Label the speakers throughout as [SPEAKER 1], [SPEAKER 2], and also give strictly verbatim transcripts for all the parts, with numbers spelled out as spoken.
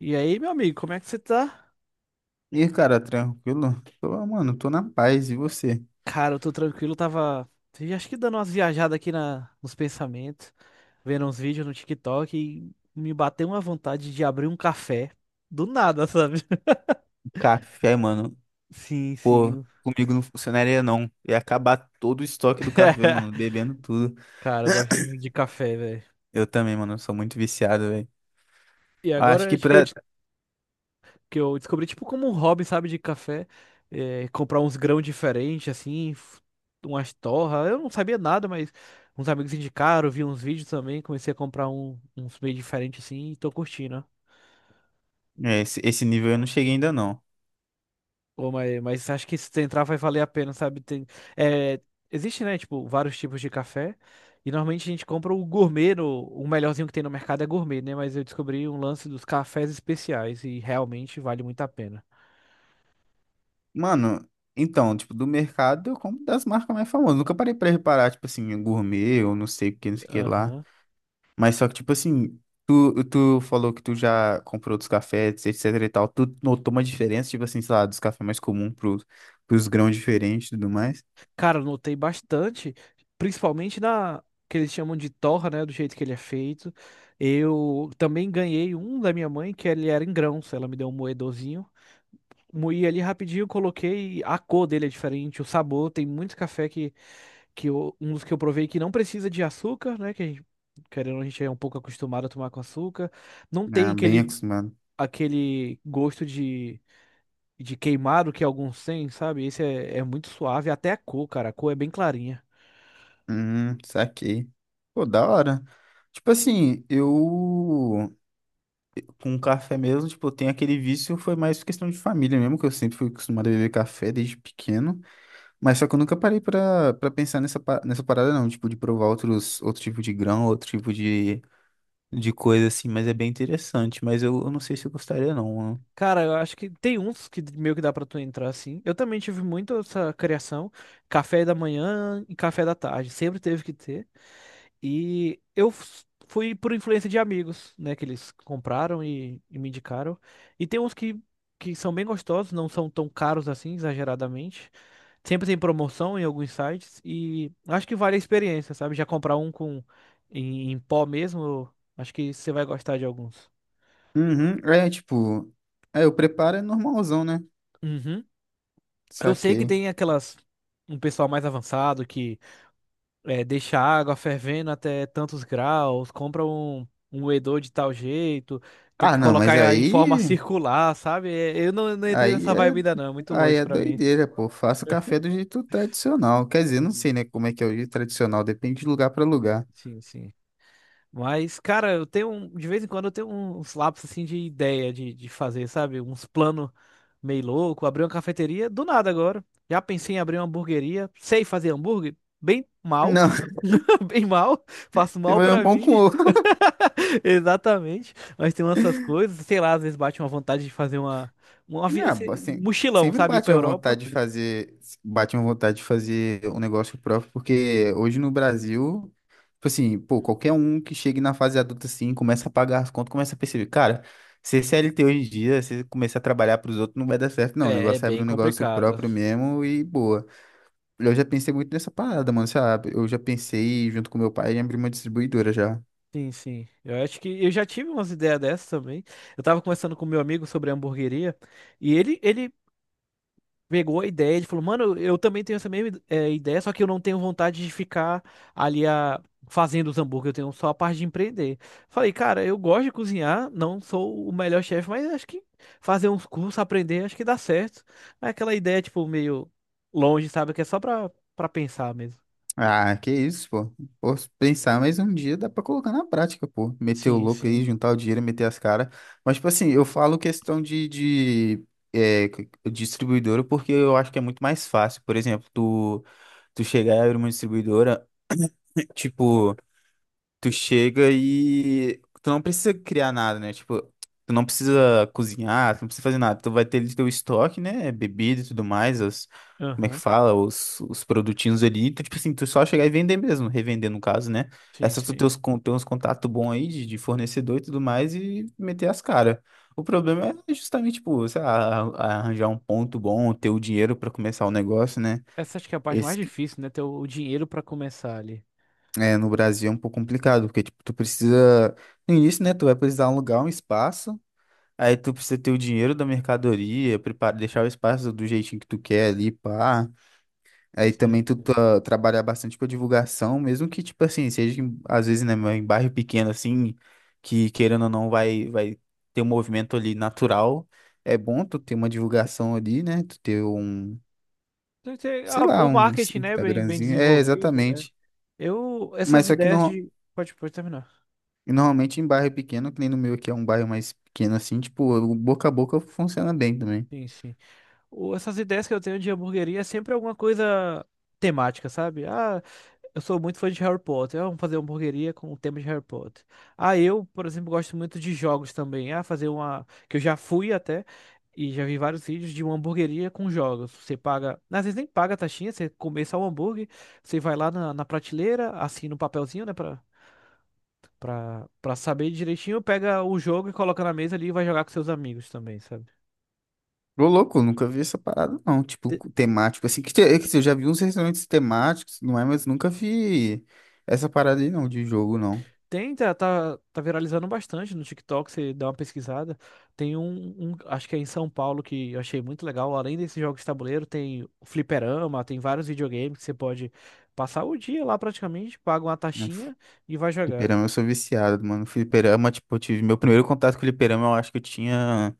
[SPEAKER 1] E aí, meu amigo, como é que você tá?
[SPEAKER 2] E aí, cara, tranquilo? Tô, mano, tô na paz. E você?
[SPEAKER 1] Cara, eu tô tranquilo, tava vi- acho que dando umas viajadas aqui na, nos pensamentos, vendo uns vídeos no TikTok e me bateu uma vontade de abrir um café do nada, sabe?
[SPEAKER 2] Café, mano.
[SPEAKER 1] Sim,
[SPEAKER 2] Pô,
[SPEAKER 1] sim.
[SPEAKER 2] comigo não funcionaria não. Ia acabar todo o estoque do café, mano, bebendo tudo.
[SPEAKER 1] Cara, eu gosto muito de café, velho.
[SPEAKER 2] Eu também, mano, sou muito viciado, velho.
[SPEAKER 1] E
[SPEAKER 2] Acho
[SPEAKER 1] agora
[SPEAKER 2] que
[SPEAKER 1] acho que eu,
[SPEAKER 2] pra
[SPEAKER 1] de- que eu descobri, tipo, como um hobby, sabe, de café, é, comprar uns grãos diferentes, assim, f- umas torras. Eu não sabia nada, mas uns amigos indicaram, vi uns vídeos também, comecei a comprar um- uns meio diferentes, assim, e tô curtindo.
[SPEAKER 2] é, esse, esse nível eu não cheguei ainda não.
[SPEAKER 1] Pô, mas, mas acho que se tu entrar vai valer a pena, sabe? Tem, é, existe, né, tipo, vários tipos de café. E normalmente a gente compra o gourmet, no- o melhorzinho que tem no mercado é gourmet, né? Mas eu descobri um lance dos cafés especiais e realmente vale muito a pena.
[SPEAKER 2] Mano, então, tipo, do mercado eu compro das marcas mais famosas. Nunca parei pra reparar, tipo assim, gourmet ou não sei o que, não sei o que lá.
[SPEAKER 1] Aham.
[SPEAKER 2] Mas só que, tipo assim, tu, tu falou que tu já comprou dos cafés, etc e tal. Tu notou uma diferença, tipo assim, sei lá, dos cafés mais comuns pros, pros grãos diferentes e tudo mais?
[SPEAKER 1] Cara, eu notei bastante, principalmente na que eles chamam de torra, né? Do jeito que ele é feito. Eu também ganhei um da minha mãe, que ele era em grãos. Ela me deu um moedorzinho. Moí ali rapidinho, coloquei. A cor dele é diferente, o sabor. Tem muito café que que eu- um dos que eu provei que não precisa de açúcar, né? Que a gente, querendo, ou não, a gente é um pouco acostumado a tomar com açúcar. Não tem
[SPEAKER 2] Ah, bem
[SPEAKER 1] aquele,
[SPEAKER 2] acostumado.
[SPEAKER 1] aquele gosto de, de queimado que alguns têm, sabe? Esse é, é muito suave, até a cor, cara. A cor é bem clarinha.
[SPEAKER 2] Hum, saquei. Pô, da hora. Tipo assim, eu com café mesmo, tipo, eu tenho aquele vício, foi mais questão de família mesmo, que eu sempre fui acostumado a beber café desde pequeno. Mas só que eu nunca parei pra, pra pensar nessa, pa- nessa parada, não, tipo, de provar outros, outro tipo de grão, outro tipo de de coisa assim, mas é bem interessante. Mas eu, eu não sei se eu gostaria, não, né?
[SPEAKER 1] Cara, eu acho que tem uns que meio que dá pra tu entrar assim. Eu também tive muito essa criação, café da manhã e café da tarde, sempre teve que ter. E eu f- fui por influência de amigos, né, que eles compraram e, e me indicaram. E tem uns que, que são bem gostosos, não são tão caros assim, exageradamente. Sempre tem promoção em alguns sites e acho que vale a experiência, sabe? Já comprar um com em, em pó mesmo, acho que você vai gostar de alguns.
[SPEAKER 2] Uhum, é tipo, é, o preparo é normalzão, né?
[SPEAKER 1] Uhum. Eu sei que
[SPEAKER 2] Saquei.
[SPEAKER 1] tem aquelas um pessoal mais avançado que é, deixa a água fervendo até tantos graus, compra um, um moedor de tal jeito, tem
[SPEAKER 2] Ah,
[SPEAKER 1] que
[SPEAKER 2] não, mas
[SPEAKER 1] colocar em forma
[SPEAKER 2] aí,
[SPEAKER 1] circular, sabe? É, Eu não, não entrei
[SPEAKER 2] aí
[SPEAKER 1] nessa
[SPEAKER 2] é,
[SPEAKER 1] vibe ainda não, é muito
[SPEAKER 2] aí
[SPEAKER 1] longe
[SPEAKER 2] é
[SPEAKER 1] pra mim.
[SPEAKER 2] doideira, pô. Faça café do jeito tradicional. Quer dizer, não
[SPEAKER 1] Hum.
[SPEAKER 2] sei, né, como é que é o jeito tradicional, depende de lugar pra lugar.
[SPEAKER 1] Sim, sim. Mas, cara, eu tenho, um- de vez em quando eu tenho uns lapsos assim de ideia de, de fazer, sabe? Uns planos meio louco, abrir uma cafeteria, do nada agora. Já pensei em abrir uma hamburgueria, sei fazer hambúrguer, bem mal,
[SPEAKER 2] Não,
[SPEAKER 1] bem mal, faço
[SPEAKER 2] você
[SPEAKER 1] mal
[SPEAKER 2] vai um
[SPEAKER 1] pra
[SPEAKER 2] pão
[SPEAKER 1] mim.
[SPEAKER 2] com.
[SPEAKER 1] Exatamente, mas tem essas coisas, sei lá, às vezes bate uma vontade de fazer uma, uma vi-
[SPEAKER 2] Ah,
[SPEAKER 1] esse
[SPEAKER 2] bo- assim,
[SPEAKER 1] mochilão,
[SPEAKER 2] sempre
[SPEAKER 1] sabe, ir pra
[SPEAKER 2] bate uma
[SPEAKER 1] Europa.
[SPEAKER 2] vontade de fazer, bate uma vontade de fazer um negócio próprio, porque hoje no Brasil, tipo assim, pô, qualquer um que chegue na fase adulta assim, começa a pagar as contas, começa a perceber, cara, ser C L T hoje em dia, você começar a trabalhar pros outros, não vai dar certo, não. O
[SPEAKER 1] É, é
[SPEAKER 2] negócio é abrir
[SPEAKER 1] bem
[SPEAKER 2] um negócio
[SPEAKER 1] complicado.
[SPEAKER 2] próprio mesmo e boa. Eu já pensei muito nessa parada, mano, sabe? Eu já pensei junto com meu pai em abrir uma distribuidora já.
[SPEAKER 1] Sim, sim. Eu acho que eu já tive umas ideias dessas também. Eu tava conversando com meu amigo sobre a hamburgueria e ele, ele pegou a ideia, ele falou, mano, eu também tenho essa mesma eh, ideia, só que eu não tenho vontade de ficar ali a, fazendo os hambúrguer, eu tenho só a parte de empreender. Falei, cara, eu gosto de cozinhar, não sou o melhor chefe, mas acho que fazer uns cursos, aprender, acho que dá certo. É aquela ideia, tipo, meio longe, sabe, que é só pra, pra pensar mesmo.
[SPEAKER 2] Ah, que isso, pô. Posso pensar, mas um dia dá pra colocar na prática, pô. Meter o
[SPEAKER 1] Sim,
[SPEAKER 2] louco
[SPEAKER 1] sim.
[SPEAKER 2] aí, juntar o dinheiro, meter as caras. Mas, tipo assim, eu falo questão de, de é, c- distribuidora porque eu acho que é muito mais fácil. Por exemplo, tu, tu chegar e abrir uma distribuidora, tipo tu chega e tu não precisa criar nada, né? Tipo, tu não precisa cozinhar, tu não precisa fazer nada. Tu vai ter ali teu estoque, né? Bebida e tudo mais, os, como é que
[SPEAKER 1] Aham.
[SPEAKER 2] fala? Os, os produtinhos ali. Então, tipo assim, tu só chegar e vender mesmo, revender no caso, né? É
[SPEAKER 1] Sim,
[SPEAKER 2] só tu ter
[SPEAKER 1] sim.
[SPEAKER 2] uns, con- ter uns contatos bons aí de, de fornecedor e tudo mais e meter as caras. O problema é justamente, tipo, sei lá, arranjar um ponto bom, ter o dinheiro pra começar o negócio, né?
[SPEAKER 1] Essa acho que é a parte mais difícil, né? Ter o o dinheiro pra começar ali.
[SPEAKER 2] É, no Brasil é um pouco complicado, porque, tipo, tu precisa... No início, né, tu vai precisar alugar um espaço, aí tu precisa ter o dinheiro da mercadoria, prepara, deixar o espaço do jeitinho que tu quer ali, pá. Aí
[SPEAKER 1] Sim,
[SPEAKER 2] também tu
[SPEAKER 1] sim.
[SPEAKER 2] tá- trabalhar bastante com a divulgação, mesmo que, tipo assim, seja, em- às vezes, né, em bairro pequeno, assim, que, querendo ou não, vai, vai ter um movimento ali natural. É bom tu ter uma divulgação ali, né, tu ter um,
[SPEAKER 1] Tem que ter
[SPEAKER 2] sei
[SPEAKER 1] a-
[SPEAKER 2] lá,
[SPEAKER 1] o
[SPEAKER 2] um
[SPEAKER 1] marketing, né, bem, bem
[SPEAKER 2] Instagramzinho. É,
[SPEAKER 1] desenvolvido.
[SPEAKER 2] exatamente.
[SPEAKER 1] Eu,
[SPEAKER 2] Mas
[SPEAKER 1] essas
[SPEAKER 2] só que
[SPEAKER 1] ideias
[SPEAKER 2] não.
[SPEAKER 1] de. Pode, pode terminar.
[SPEAKER 2] E normalmente em bairro pequeno, que nem no meu aqui é um bairro mais pequeno assim, tipo, o boca a boca funciona bem também.
[SPEAKER 1] Sim, sim. O- essas ideias que eu tenho de hamburgueria é sempre alguma coisa temática, sabe? Ah, eu sou muito fã de Harry Potter. Ah, vamos fazer uma hamburgueria com o tema de Harry Potter. Ah, eu, por exemplo, gosto muito de jogos também. Ah, fazer uma. Que eu já fui até. E já vi vários vídeos de uma hamburgueria com jogos. Você paga. Às vezes nem paga a taxinha, você começa o hambúrguer, você vai lá na, na prateleira, assina um papelzinho, né? Pra, Pra, pra saber direitinho, pega o jogo e coloca na mesa ali e vai jogar com seus amigos também, sabe?
[SPEAKER 2] Ô, louco, eu nunca vi essa parada não, tipo,
[SPEAKER 1] Te-
[SPEAKER 2] co- temático, assim, que, te- é que assim, eu já vi uns restaurantes temáticos, não é, mas nunca vi essa parada aí não, de jogo não.
[SPEAKER 1] Tem, tá, tá, tá viralizando bastante no TikTok, você dá uma pesquisada. Tem um, um, acho que é em São Paulo, que eu achei muito legal. Além desses jogos de tabuleiro, tem o fliperama, tem vários videogames que você pode passar o dia lá praticamente, paga uma
[SPEAKER 2] Né. f-
[SPEAKER 1] taxinha e vai jogar.
[SPEAKER 2] Fliperama eu sou viciado, mano, fliperama, tipo, eu tive meu primeiro contato com fliperama, eu acho que eu tinha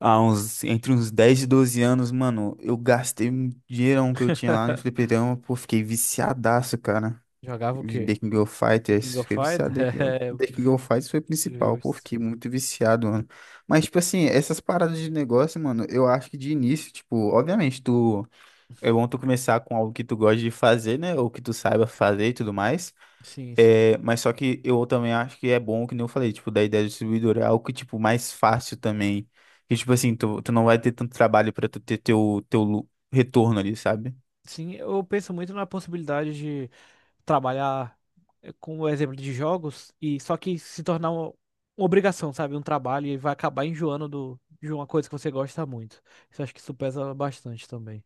[SPEAKER 2] há uns, entre uns dez e doze anos, mano, eu gastei um dinheirão que eu tinha lá no fliperama, pô, fiquei viciadaço, cara.
[SPEAKER 1] Jogava o quê?
[SPEAKER 2] The King of
[SPEAKER 1] The King
[SPEAKER 2] Fighters,
[SPEAKER 1] of
[SPEAKER 2] fiquei
[SPEAKER 1] Fighters?
[SPEAKER 2] viciado. The King of
[SPEAKER 1] É,
[SPEAKER 2] The King of Fighters foi o principal, pô,
[SPEAKER 1] justo.
[SPEAKER 2] fiquei muito viciado, mano. Mas, tipo assim, essas paradas de negócio, mano, eu acho que de início, tipo, obviamente, tu é bom tu começar com algo que tu gosta de fazer, né? Ou que tu saiba fazer e tudo mais.
[SPEAKER 1] Sim, sim.
[SPEAKER 2] É, mas só que eu também acho que é bom, que nem eu falei, tipo, da ideia do distribuidor é algo que, tipo, mais fácil também. Que, tipo assim, tu, tu não vai ter tanto trabalho pra tu ter teu, teu lu- retorno ali, sabe?
[SPEAKER 1] Sim, eu penso muito na possibilidade trabalhar eh, com o exemplo de jogos e só que se tornar uma, uma obrigação, sabe? Um trabalho e vai acabar enjoando do, de uma coisa que você gosta muito. Isso acho que isso pesa bastante também.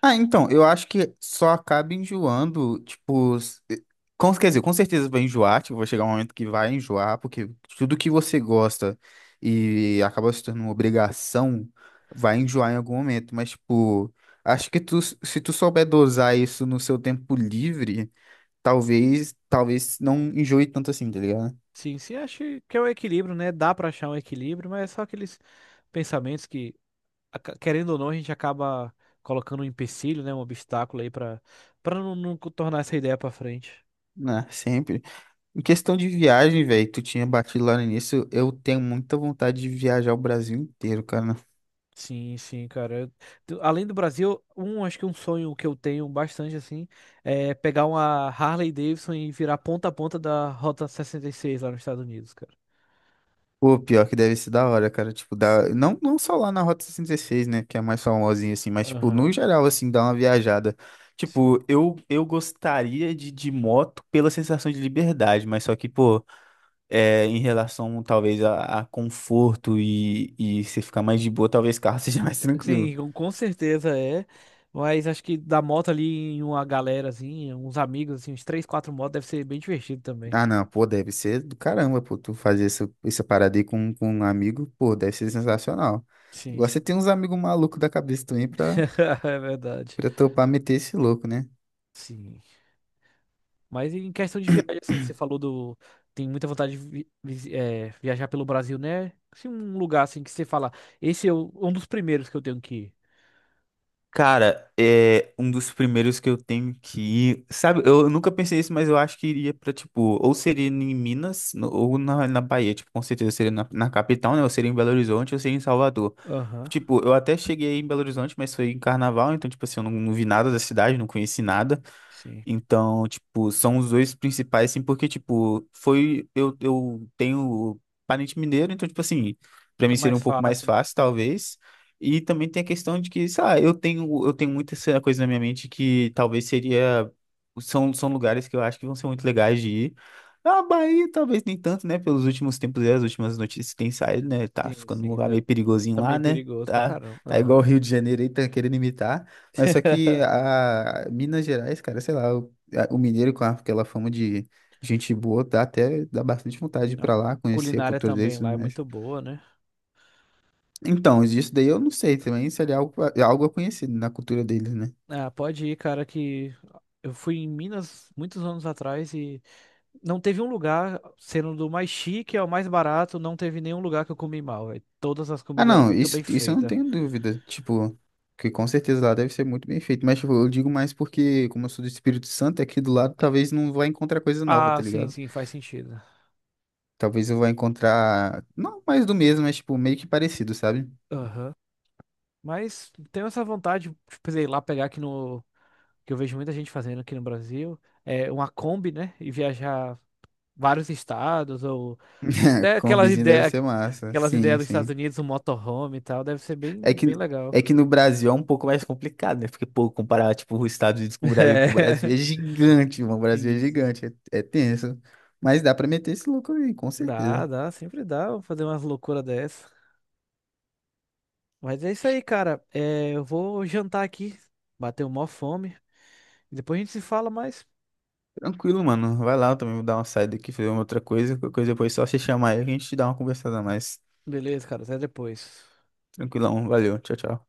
[SPEAKER 2] Ah, então, eu acho que só acaba enjoando, tipo, s- eh, com, quer dizer, com certeza vai enjoar, tipo, vai chegar um momento que vai enjoar, porque tudo que você gosta e acaba se tornando uma obrigação, vai enjoar em algum momento, mas, tipo, acho que tu, se tu souber dosar isso no seu tempo livre, talvez, talvez não enjoe tanto assim, tá ligado?
[SPEAKER 1] Sim, sim, acho que é um equilíbrio, né? Dá pra achar um equilíbrio, mas é só aqueles pensamentos que, aca- querendo ou não, a gente acaba colocando um empecilho, né? Um obstáculo aí pra para não, não tornar essa ideia pra frente.
[SPEAKER 2] Né, sempre. Em questão de viagem, velho, tu tinha batido lá no início, eu tenho muita vontade de viajar o Brasil inteiro, cara.
[SPEAKER 1] Sim, sim, cara. Eu- tu- Além do Brasil, um, acho que um sonho que eu tenho bastante, assim, é pegar uma Harley Davidson e virar ponta a ponta da Rota sessenta e seis lá nos Estados Unidos, cara.
[SPEAKER 2] Pô, pior que deve ser da hora, cara. Tipo, dá...
[SPEAKER 1] Sim.
[SPEAKER 2] não, não só lá na Rota sessenta e seis, né? Que é a mais famosinha, assim, mas, tipo, no
[SPEAKER 1] Aham,
[SPEAKER 2] geral, assim, dá uma viajada.
[SPEAKER 1] sim.
[SPEAKER 2] Tipo, eu, eu gostaria de, de moto pela sensação de liberdade, mas só que, pô, é, em relação, talvez, a, a conforto e, e você ficar mais de boa, talvez carro seja mais tranquilo.
[SPEAKER 1] Sim, com com certeza é. Mas acho que da moto ali em uma galera, assim, uns amigos, assim, uns três, quatro motos, deve ser bem divertido também.
[SPEAKER 2] Ah, não, pô, deve ser do caramba, pô, tu fazer essa, essa parada aí com, com um amigo, pô, deve ser sensacional.
[SPEAKER 1] Sim,
[SPEAKER 2] Igual você
[SPEAKER 1] sim.
[SPEAKER 2] tem uns amigos malucos da cabeça também pra,
[SPEAKER 1] É verdade.
[SPEAKER 2] pra topar meter esse louco, né?
[SPEAKER 1] Sim. Mas em questão de viagem, assim, você falou do. Tem muita vontade de vi- visi- eh, viajar pelo Brasil, né? Se um lugar assim que você fala, esse é o- um dos primeiros que eu tenho que ir.
[SPEAKER 2] Cara, é um dos primeiros que eu tenho que ir. Sabe, eu nunca pensei isso, mas eu acho que iria pra, tipo, ou seria em Minas, no- ou na, na Bahia. Tipo, com certeza seria na, na capital, né? Ou seria em Belo Horizonte, ou seria em Salvador.
[SPEAKER 1] Aham,
[SPEAKER 2] Tipo, eu até cheguei em Belo Horizonte, mas foi em carnaval, então, tipo assim, eu não, não vi nada da cidade, não conheci nada.
[SPEAKER 1] sim.
[SPEAKER 2] Então, tipo, são os dois principais, assim, porque, tipo, foi. Eu, eu tenho parente mineiro, então, tipo, assim, pra
[SPEAKER 1] Fica
[SPEAKER 2] mim seria
[SPEAKER 1] mais
[SPEAKER 2] um pouco mais
[SPEAKER 1] fácil, né?
[SPEAKER 2] fácil,
[SPEAKER 1] Uhum.
[SPEAKER 2] talvez. E também tem a questão de que, sei lá, eu tenho, eu tenho muita essa coisa na minha mente que talvez seria. São, são lugares que eu acho que vão ser muito legais de ir. A Bahia, talvez nem tanto, né? Pelos últimos tempos e as últimas notícias que tem saído, né? Tá
[SPEAKER 1] Sim,
[SPEAKER 2] ficando um
[SPEAKER 1] sim.
[SPEAKER 2] lugar
[SPEAKER 1] tá-
[SPEAKER 2] meio perigosinho
[SPEAKER 1] Também
[SPEAKER 2] lá,
[SPEAKER 1] é
[SPEAKER 2] né?
[SPEAKER 1] perigoso pra
[SPEAKER 2] Tá,
[SPEAKER 1] caramba.
[SPEAKER 2] tá igual o
[SPEAKER 1] Aham.
[SPEAKER 2] Rio de Janeiro aí, tá querendo imitar. Mas só que a Minas Gerais, cara, sei lá, o, a- o mineiro com aquela fama de gente boa, dá até dá bastante vontade de
[SPEAKER 1] Hum,
[SPEAKER 2] ir
[SPEAKER 1] a
[SPEAKER 2] pra lá, conhecer a
[SPEAKER 1] culinária
[SPEAKER 2] cultura
[SPEAKER 1] também
[SPEAKER 2] deles, e
[SPEAKER 1] lá
[SPEAKER 2] tudo
[SPEAKER 1] é
[SPEAKER 2] mais.
[SPEAKER 1] muito boa, né?
[SPEAKER 2] Então, isso daí eu não sei também, seria algo, a- algo conhecido na cultura deles, né?
[SPEAKER 1] Ah, pode ir, cara, que eu fui em Minas muitos anos atrás e não teve um lugar, sendo do mais chique ao mais barato, não teve nenhum lugar que eu comi mal, velho. Todas as
[SPEAKER 2] Ah,
[SPEAKER 1] comidas eram
[SPEAKER 2] não,
[SPEAKER 1] muito
[SPEAKER 2] isso,
[SPEAKER 1] bem
[SPEAKER 2] isso eu não
[SPEAKER 1] feitas.
[SPEAKER 2] tenho dúvida, tipo, que com certeza lá deve ser muito bem feito, mas tipo, eu digo mais porque, como eu sou do Espírito Santo, aqui do lado talvez não vá encontrar coisa nova,
[SPEAKER 1] Ah,
[SPEAKER 2] tá
[SPEAKER 1] sim,
[SPEAKER 2] ligado?
[SPEAKER 1] sim, faz sentido.
[SPEAKER 2] Talvez eu vá encontrar, não mais do mesmo, mas tipo, meio que parecido, sabe?
[SPEAKER 1] Aham. Mas tenho essa vontade, tipo, sei lá, pegar aqui no. Que eu vejo muita gente fazendo aqui no Brasil. É uma Kombi, né? E viajar vários estados, ou. Até aquelas
[SPEAKER 2] Combizinho deve
[SPEAKER 1] ideias,
[SPEAKER 2] ser massa.
[SPEAKER 1] aquelas ideias
[SPEAKER 2] Sim,
[SPEAKER 1] dos Estados
[SPEAKER 2] sim.
[SPEAKER 1] Unidos, um motorhome e tal. Deve ser
[SPEAKER 2] É
[SPEAKER 1] bem,
[SPEAKER 2] que,
[SPEAKER 1] bem legal.
[SPEAKER 2] é que no Brasil é um pouco mais complicado, né? Porque, pô, comparar, tipo, os Estados Unidos com o Brasil, pô, o Brasil é
[SPEAKER 1] É,
[SPEAKER 2] gigante, mano. O Brasil é
[SPEAKER 1] isso.
[SPEAKER 2] gigante, é, é tenso. Mas dá pra meter esse louco aí, com
[SPEAKER 1] Dá,
[SPEAKER 2] certeza.
[SPEAKER 1] dá, sempre dá. Vou fazer umas loucuras dessas. Mas é isso aí, cara. É, eu vou jantar aqui. Bateu mó fome. Depois a gente se fala mais.
[SPEAKER 2] Tranquilo, mano. Vai lá, eu também vou dar uma saída aqui, fazer uma outra coisa. Qualquer coisa depois é só você chamar aí, a gente dá uma conversada a mais.
[SPEAKER 1] Beleza, cara. Até depois.
[SPEAKER 2] Tranquilão, valeu. Tchau, tchau.